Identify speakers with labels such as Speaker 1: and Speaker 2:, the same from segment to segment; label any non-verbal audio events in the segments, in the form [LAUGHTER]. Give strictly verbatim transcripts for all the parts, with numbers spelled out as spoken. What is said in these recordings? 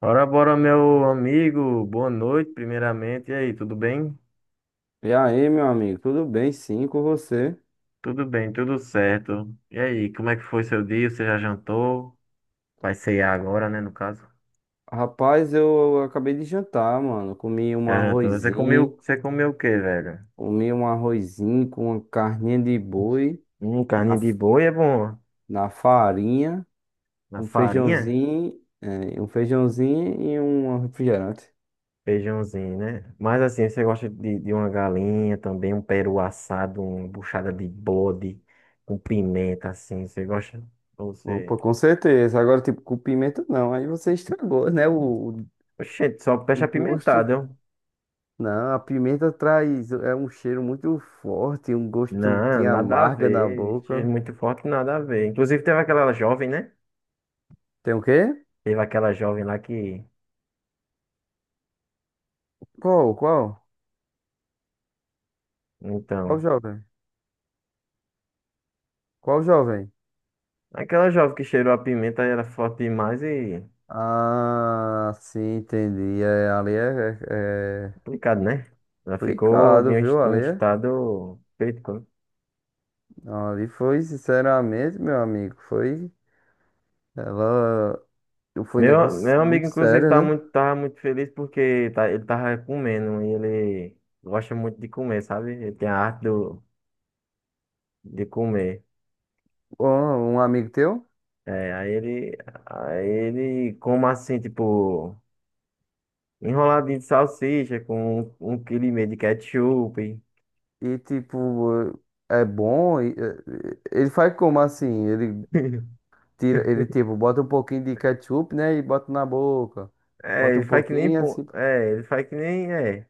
Speaker 1: Ora, bora, meu amigo. Boa noite, primeiramente. E aí, tudo bem?
Speaker 2: E aí, meu amigo, tudo bem? Sim, com você?
Speaker 1: Tudo bem, tudo certo. E aí, como é que foi seu dia? Você já jantou? Vai ceiar agora, né, no caso?
Speaker 2: Rapaz, eu acabei de jantar, mano. Comi um
Speaker 1: Já jantou. Você comeu,
Speaker 2: arrozinho,
Speaker 1: você comeu o quê, velho?
Speaker 2: comi um arrozinho com uma carninha de boi
Speaker 1: Hum,
Speaker 2: na,
Speaker 1: carninha de
Speaker 2: f-
Speaker 1: boi é bom.
Speaker 2: na farinha,
Speaker 1: Na
Speaker 2: um
Speaker 1: farinha?
Speaker 2: feijãozinho, é, um feijãozinho e um refrigerante.
Speaker 1: Feijãozinho, né? Mas assim, você gosta de, de uma galinha também, um peru assado, uma buchada de bode, com pimenta, assim, você gosta? Ou Você...
Speaker 2: Opa, com certeza. Agora, tipo, com pimenta não. Aí você estragou, né? O, o
Speaker 1: Oxente, só peixe
Speaker 2: o gosto.
Speaker 1: apimentado, ó.
Speaker 2: Não, a pimenta traz, é um cheiro muito forte, um gosto
Speaker 1: Não,
Speaker 2: que
Speaker 1: nada a
Speaker 2: amarga na
Speaker 1: ver. Cheiro
Speaker 2: boca.
Speaker 1: muito forte, nada a ver. Inclusive teve aquela jovem, né?
Speaker 2: Tem o quê?
Speaker 1: Teve aquela jovem lá que.
Speaker 2: Qual? Qual? Qual
Speaker 1: Então.
Speaker 2: jovem? Qual jovem?
Speaker 1: Aquela jovem que cheirou a pimenta era forte demais e.
Speaker 2: Ah, sim, entendi. É, ali é, é, é
Speaker 1: Complicado, né? Ela ficou de
Speaker 2: complicado,
Speaker 1: um es-
Speaker 2: viu?
Speaker 1: um
Speaker 2: Ali, é-
Speaker 1: estado crítico, né?
Speaker 2: ali foi, sinceramente, meu amigo, foi. Ela. Foi um
Speaker 1: Meu,
Speaker 2: negócio
Speaker 1: meu amigo,
Speaker 2: muito
Speaker 1: inclusive,
Speaker 2: sério,
Speaker 1: tá
Speaker 2: né?
Speaker 1: muito, tava muito feliz porque tá, ele tava comendo e ele gosta muito de comer, sabe? Ele tem a arte do, de comer.
Speaker 2: Um, um amigo teu.
Speaker 1: É, aí ele. Aí ele, como assim, tipo. Enroladinho de salsicha com um um quilo e meio de ketchup.
Speaker 2: E, tipo, é é bom. E- é- ele faz como assim? Ele
Speaker 1: [LAUGHS]
Speaker 2: tira, ele, tipo, bota um pouquinho de ketchup, né? E bota na boca.
Speaker 1: É,
Speaker 2: Bota
Speaker 1: ele
Speaker 2: um
Speaker 1: faz que nem.
Speaker 2: pouquinho,
Speaker 1: Pão-
Speaker 2: assim.
Speaker 1: É, ele faz que nem. É.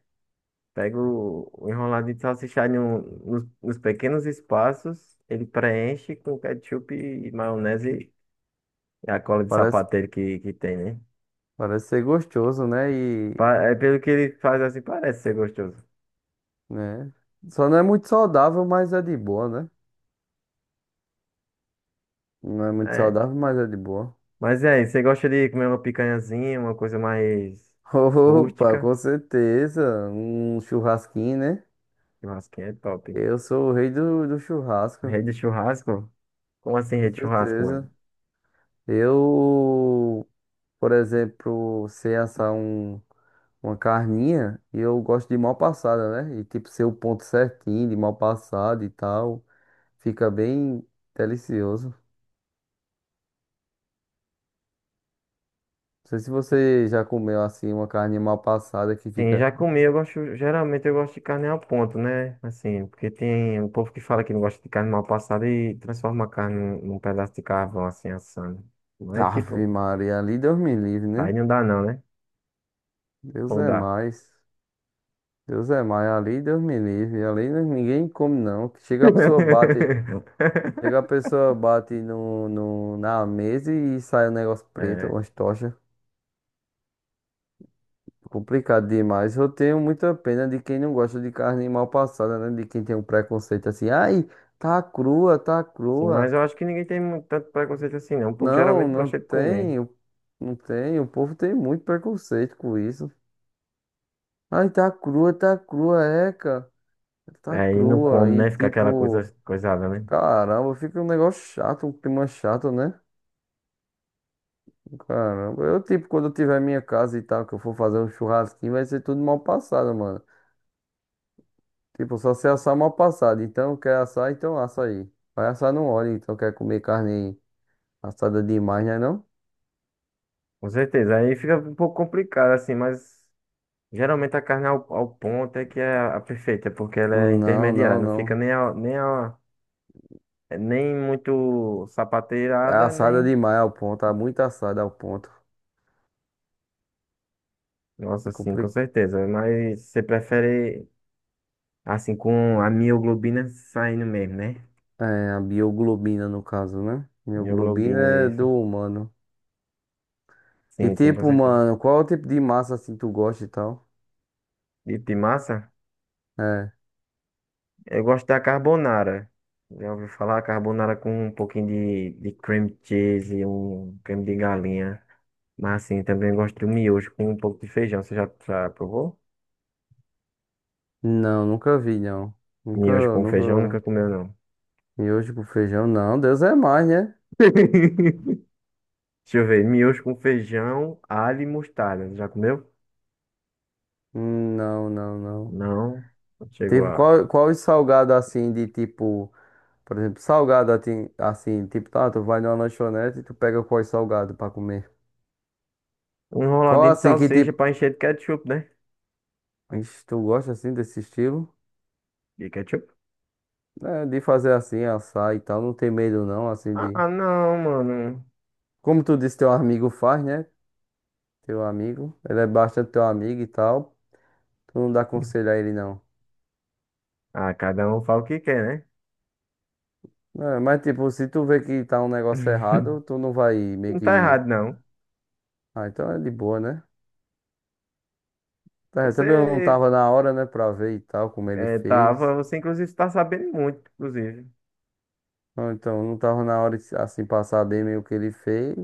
Speaker 1: Pega o, o enroladinho de salsicha no, nos, nos pequenos espaços, ele preenche com ketchup e maionese e a cola de
Speaker 2: Parece,
Speaker 1: sapateiro que, que tem, né?
Speaker 2: parece ser gostoso, né?
Speaker 1: Pa- É, pelo que ele faz assim, parece ser gostoso.
Speaker 2: Né? Só não é muito saudável, mas é de boa, né? Não é muito
Speaker 1: É.
Speaker 2: saudável, mas é de boa.
Speaker 1: Mas é, você gosta de comer uma picanhazinha, uma coisa mais
Speaker 2: [LAUGHS] Opa,
Speaker 1: rústica?
Speaker 2: com certeza. Um churrasquinho, né?
Speaker 1: Churrasquinho é top.
Speaker 2: Eu sou o rei do, do churrasco,
Speaker 1: Rede de churrasco? Como assim
Speaker 2: com
Speaker 1: rede de churrasco,
Speaker 2: certeza.
Speaker 1: mano?
Speaker 2: Eu, por exemplo, sei assar um, uma carninha e eu gosto de mal passada, né? E tipo, ser o ponto certinho de mal passada e tal. Fica bem delicioso. Não sei se você já comeu assim uma carne mal passada que
Speaker 1: Sim,
Speaker 2: fica.
Speaker 1: já comi, eu gosto, geralmente eu gosto de carne ao ponto, né? Assim, porque tem um povo que fala que não gosta de carne mal passada e transforma a carne num, num pedaço de carvão, assim, assando. Não é tipo,
Speaker 2: Ave Maria, ali Deus me livre,
Speaker 1: aí
Speaker 2: né?
Speaker 1: não dá não, né?
Speaker 2: Deus
Speaker 1: Ou
Speaker 2: é
Speaker 1: dá.
Speaker 2: mais. Deus é mais, ali Deus me livre. Ali não- Ninguém come, não. Chega a pessoa bate, chega a
Speaker 1: [LAUGHS]
Speaker 2: pessoa bate no, no, na mesa e sai um negócio preto,
Speaker 1: É,
Speaker 2: umas tochas. Complicado demais. Eu tenho muita pena de quem não gosta de carne mal passada, né? De quem tem um preconceito assim, ai, tá crua, tá
Speaker 1: sim, mas
Speaker 2: crua.
Speaker 1: eu acho que ninguém tem muito, tanto preconceito assim, não. O povo
Speaker 2: Não,
Speaker 1: geralmente
Speaker 2: não
Speaker 1: gosta de comer.
Speaker 2: tem, o- não tem. O povo tem muito preconceito com isso. Ai, tá crua, tá crua, é, cara. Tá
Speaker 1: Aí não
Speaker 2: crua
Speaker 1: come,
Speaker 2: e
Speaker 1: né? Fica aquela coisa,
Speaker 2: tipo,
Speaker 1: coisada, né?
Speaker 2: caramba, fica um negócio chato, um clima chato, né? Caramba, eu tipo, quando eu tiver minha casa e tal, que eu for fazer um churrasquinho, vai ser tudo mal passado, mano. Tipo, só se assar mal passado. Então, quer assar, então assa aí. Vai assar no óleo, então quer comer carne assada demais, né não?
Speaker 1: Com certeza. Aí fica um pouco complicado, assim, mas geralmente a carne é ao, ao ponto é que é a perfeita, é porque ela é
Speaker 2: Não,
Speaker 1: intermediária,
Speaker 2: não,
Speaker 1: não fica
Speaker 2: não.
Speaker 1: nem, a- nem, a- nem muito
Speaker 2: É
Speaker 1: sapateirada,
Speaker 2: assada
Speaker 1: nem.
Speaker 2: demais ao ponto, tá muito assada ao ponto.
Speaker 1: Nossa,
Speaker 2: É
Speaker 1: sim, com
Speaker 2: complicado.
Speaker 1: certeza. Mas você prefere assim com a mioglobina saindo mesmo, né?
Speaker 2: É, a bioglobina no caso, né? Mioglobina
Speaker 1: Mioglobina,
Speaker 2: é do
Speaker 1: isso.
Speaker 2: humano. E
Speaker 1: Sim, sim, com
Speaker 2: tipo,
Speaker 1: certeza.
Speaker 2: mano, qual é o tipo de massa assim tu gosta e tal?
Speaker 1: E de massa,
Speaker 2: É.
Speaker 1: eu gosto da carbonara. Já ouviu falar carbonara com um pouquinho de, de cream cheese e um creme de galinha. Mas assim, também gosto do miojo com um pouco de feijão. Você já, já provou?
Speaker 2: Não, nunca vi, não.
Speaker 1: Miojo
Speaker 2: Nunca,
Speaker 1: com
Speaker 2: nunca.
Speaker 1: feijão nunca comeu, não.
Speaker 2: Miojo com feijão, não. Deus é mais, né?
Speaker 1: [LAUGHS] Deixa eu ver. Miojo com feijão, alho e mostarda. Já comeu?
Speaker 2: Hum, Não, não, não.
Speaker 1: Não. Chegou
Speaker 2: Tipo,
Speaker 1: a.
Speaker 2: qual, qual os salgados assim de tipo. Por exemplo, salgado assim, assim, tipo, tá, tu vai numa lanchonete e tu pega qual salgado pra comer.
Speaker 1: Um
Speaker 2: Qual
Speaker 1: enroladinho de
Speaker 2: assim que
Speaker 1: salsicha
Speaker 2: tipo.
Speaker 1: pra encher de ketchup, né?
Speaker 2: Ixi, tu gosta assim desse estilo?
Speaker 1: De ketchup?
Speaker 2: É, de fazer assim, assar e tal, não tem medo não, assim
Speaker 1: Ah,
Speaker 2: de.
Speaker 1: ah, não, mano.
Speaker 2: Como tu disse, teu amigo faz, né? Teu amigo. Ele é bastante teu amigo e tal. Tu não dá conselho a ele, não.
Speaker 1: Ah, cada um fala o que quer, né?
Speaker 2: É, mas, tipo, se tu vê que tá um negócio
Speaker 1: [LAUGHS]
Speaker 2: errado, tu não vai meio
Speaker 1: Não tá
Speaker 2: que.
Speaker 1: errado, não.
Speaker 2: Ah, então é de boa, né? É, também eu não
Speaker 1: Você
Speaker 2: tava na hora, né, pra ver e tal, como ele
Speaker 1: é, tava,
Speaker 2: fez.
Speaker 1: você inclusive tá sabendo muito, inclusive.
Speaker 2: Ou então, não tava na hora, de, assim, passar bem meio que ele fez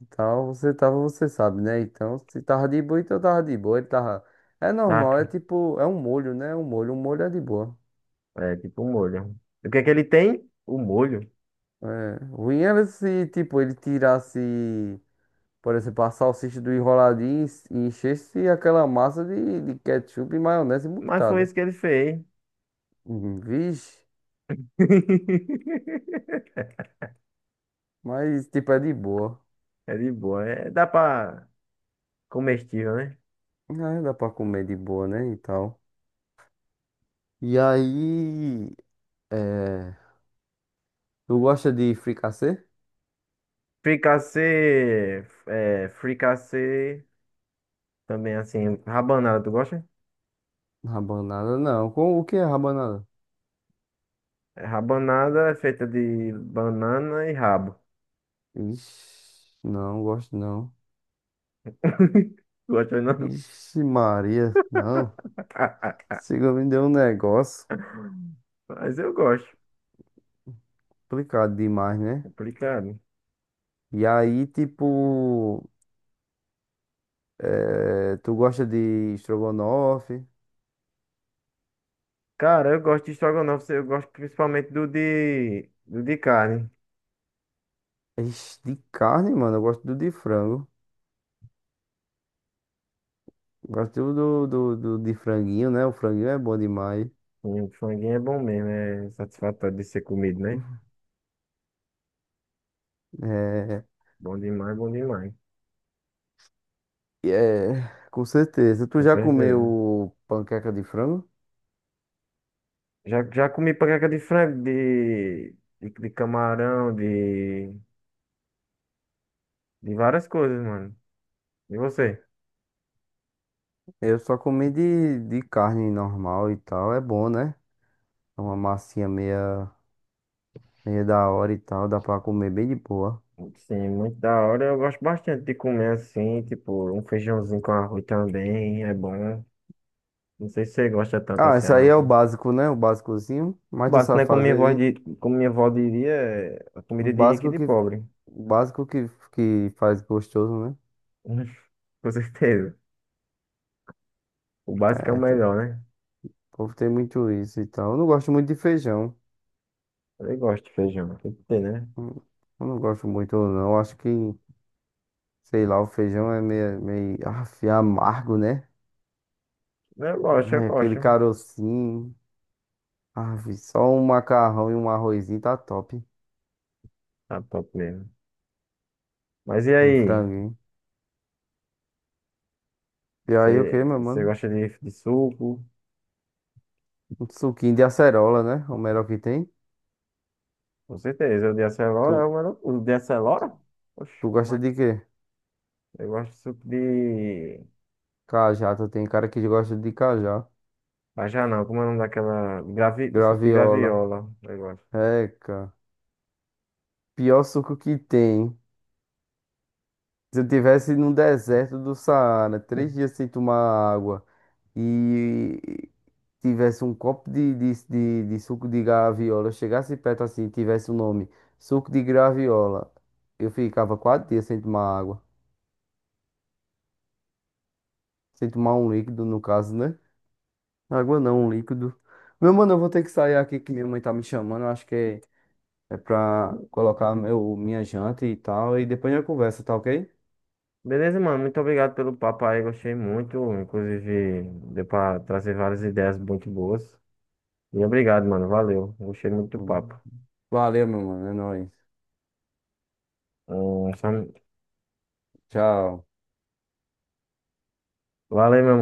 Speaker 2: e tal. Você tava, você sabe, né? Então, se tava de boa, então tava de boa. Ele tava. É
Speaker 1: Tá?
Speaker 2: normal, é tipo, é um molho, né? Um molho, um molho é de boa.
Speaker 1: É tipo um molho. O que é que ele tem? O molho.
Speaker 2: É, ruim era se, tipo, ele tirasse. Por exemplo, a salsicha do enroladinho e encher-se aquela massa de, de ketchup, e maionese e
Speaker 1: Mas foi
Speaker 2: mostarda.
Speaker 1: isso que ele fez.
Speaker 2: Hum, Vixe,
Speaker 1: [LAUGHS]
Speaker 2: mas tipo é de boa.
Speaker 1: É de boa. É, dá pra comestível, né?
Speaker 2: Ah, dá pra comer de boa, né? E tal. E aí, é... tu gosta de fricassê?
Speaker 1: Fricassê, é, fricassê, também assim, rabanada, tu gosta?
Speaker 2: Rabanada não. Com o que é rabanada?
Speaker 1: É, rabanada é feita de banana e rabo.
Speaker 2: Ixi, não gosto não.
Speaker 1: [LAUGHS] Gosta não?
Speaker 2: Ixi, Maria, não.
Speaker 1: [LAUGHS]
Speaker 2: Siga me deu um negócio
Speaker 1: Mas eu gosto.
Speaker 2: complicado demais, né?
Speaker 1: Complicado.
Speaker 2: E aí, tipo. É, tu gosta de estrogonofe?
Speaker 1: Cara, eu gosto de estrogonofe, eu gosto principalmente do de, do de carne.
Speaker 2: Ixi, de carne, mano, eu gosto do de frango. Gosto do, do, do de franguinho, né? O franguinho é bom demais.
Speaker 1: E o franguinho é bom mesmo, é satisfatório de ser comido, né?
Speaker 2: É,
Speaker 1: Bom demais, bom demais.
Speaker 2: é, com certeza. Tu
Speaker 1: Com
Speaker 2: já
Speaker 1: certeza.
Speaker 2: comeu panqueca de frango?
Speaker 1: Já, já comi panqueca de frango, de, de, de camarão, de, de várias coisas, mano. E você?
Speaker 2: Eu só comi de, de carne normal e tal. É bom, né? É uma massinha meia, meia da hora e tal. Dá pra comer bem de boa.
Speaker 1: Sim, muito da hora. Eu gosto bastante de comer assim, tipo, um feijãozinho com arroz também, é bom. Não sei se você gosta tanto
Speaker 2: Ah,
Speaker 1: assim,
Speaker 2: esse aí é o
Speaker 1: arroz.
Speaker 2: básico, né? O básicozinho. Mas tu
Speaker 1: Basta,
Speaker 2: sabe
Speaker 1: né? Como minha
Speaker 2: fazer
Speaker 1: avó,
Speaker 2: aí.
Speaker 1: di- como minha avó diria, é a
Speaker 2: O
Speaker 1: comida de rico e
Speaker 2: básico
Speaker 1: de
Speaker 2: que,
Speaker 1: pobre.
Speaker 2: o básico que, que faz gostoso, né?
Speaker 1: [LAUGHS] Com certeza. O básico é o
Speaker 2: É, então,
Speaker 1: melhor, né?
Speaker 2: o povo tem muito isso e tal. Eu não gosto muito de feijão.
Speaker 1: Eu gosto de feijão, tem que ter, né?
Speaker 2: Hum, Eu não gosto muito, não. Eu acho que, sei lá, o feijão é meio, meio af, amargo, né?
Speaker 1: Eu gosto, eu
Speaker 2: Ai, aquele
Speaker 1: gosto.
Speaker 2: carocinho. Ave, só um macarrão e um arrozinho tá top.
Speaker 1: Tá top mesmo. Mas e
Speaker 2: E um
Speaker 1: aí?
Speaker 2: franguinho. E aí, o
Speaker 1: Você,
Speaker 2: que, meu
Speaker 1: você
Speaker 2: mano?
Speaker 1: gosta de, de suco?
Speaker 2: Um suquinho de acerola, né? É o melhor que tem.
Speaker 1: Com certeza. O de acelora
Speaker 2: Tu,
Speaker 1: é o melhor. O de acelora?
Speaker 2: tu
Speaker 1: Oxe,
Speaker 2: gosta
Speaker 1: mas
Speaker 2: de quê?
Speaker 1: eu gosto de suco de.
Speaker 2: Cajá, tu tem cara que gosta de cajá.
Speaker 1: Bajá não, como é o nome daquela. Gravi... Suco de
Speaker 2: Graviola.
Speaker 1: graviola. Eu gosto.
Speaker 2: Eca. Pior suco que tem. Se eu tivesse no deserto do Saara, três dias sem tomar água e tivesse um copo de, de, de, de suco de graviola, eu chegasse perto assim, tivesse o nome suco de graviola, eu ficava quatro dias sem tomar água. Sem tomar um líquido, no caso, né? Água não, um líquido. Meu mano, eu vou ter que sair aqui que minha mãe tá me chamando. Eu acho que é, é pra colocar meu, minha janta e tal. E depois a gente conversa, tá ok?
Speaker 1: Beleza, mano. Muito obrigado pelo papo aí. Gostei muito. Inclusive, deu pra trazer várias ideias muito boas. E obrigado, mano. Valeu. Gostei muito do papo.
Speaker 2: Valeu, meu mano. É nóis.
Speaker 1: Hum, só-
Speaker 2: Tchau.
Speaker 1: Valeu, meu mano.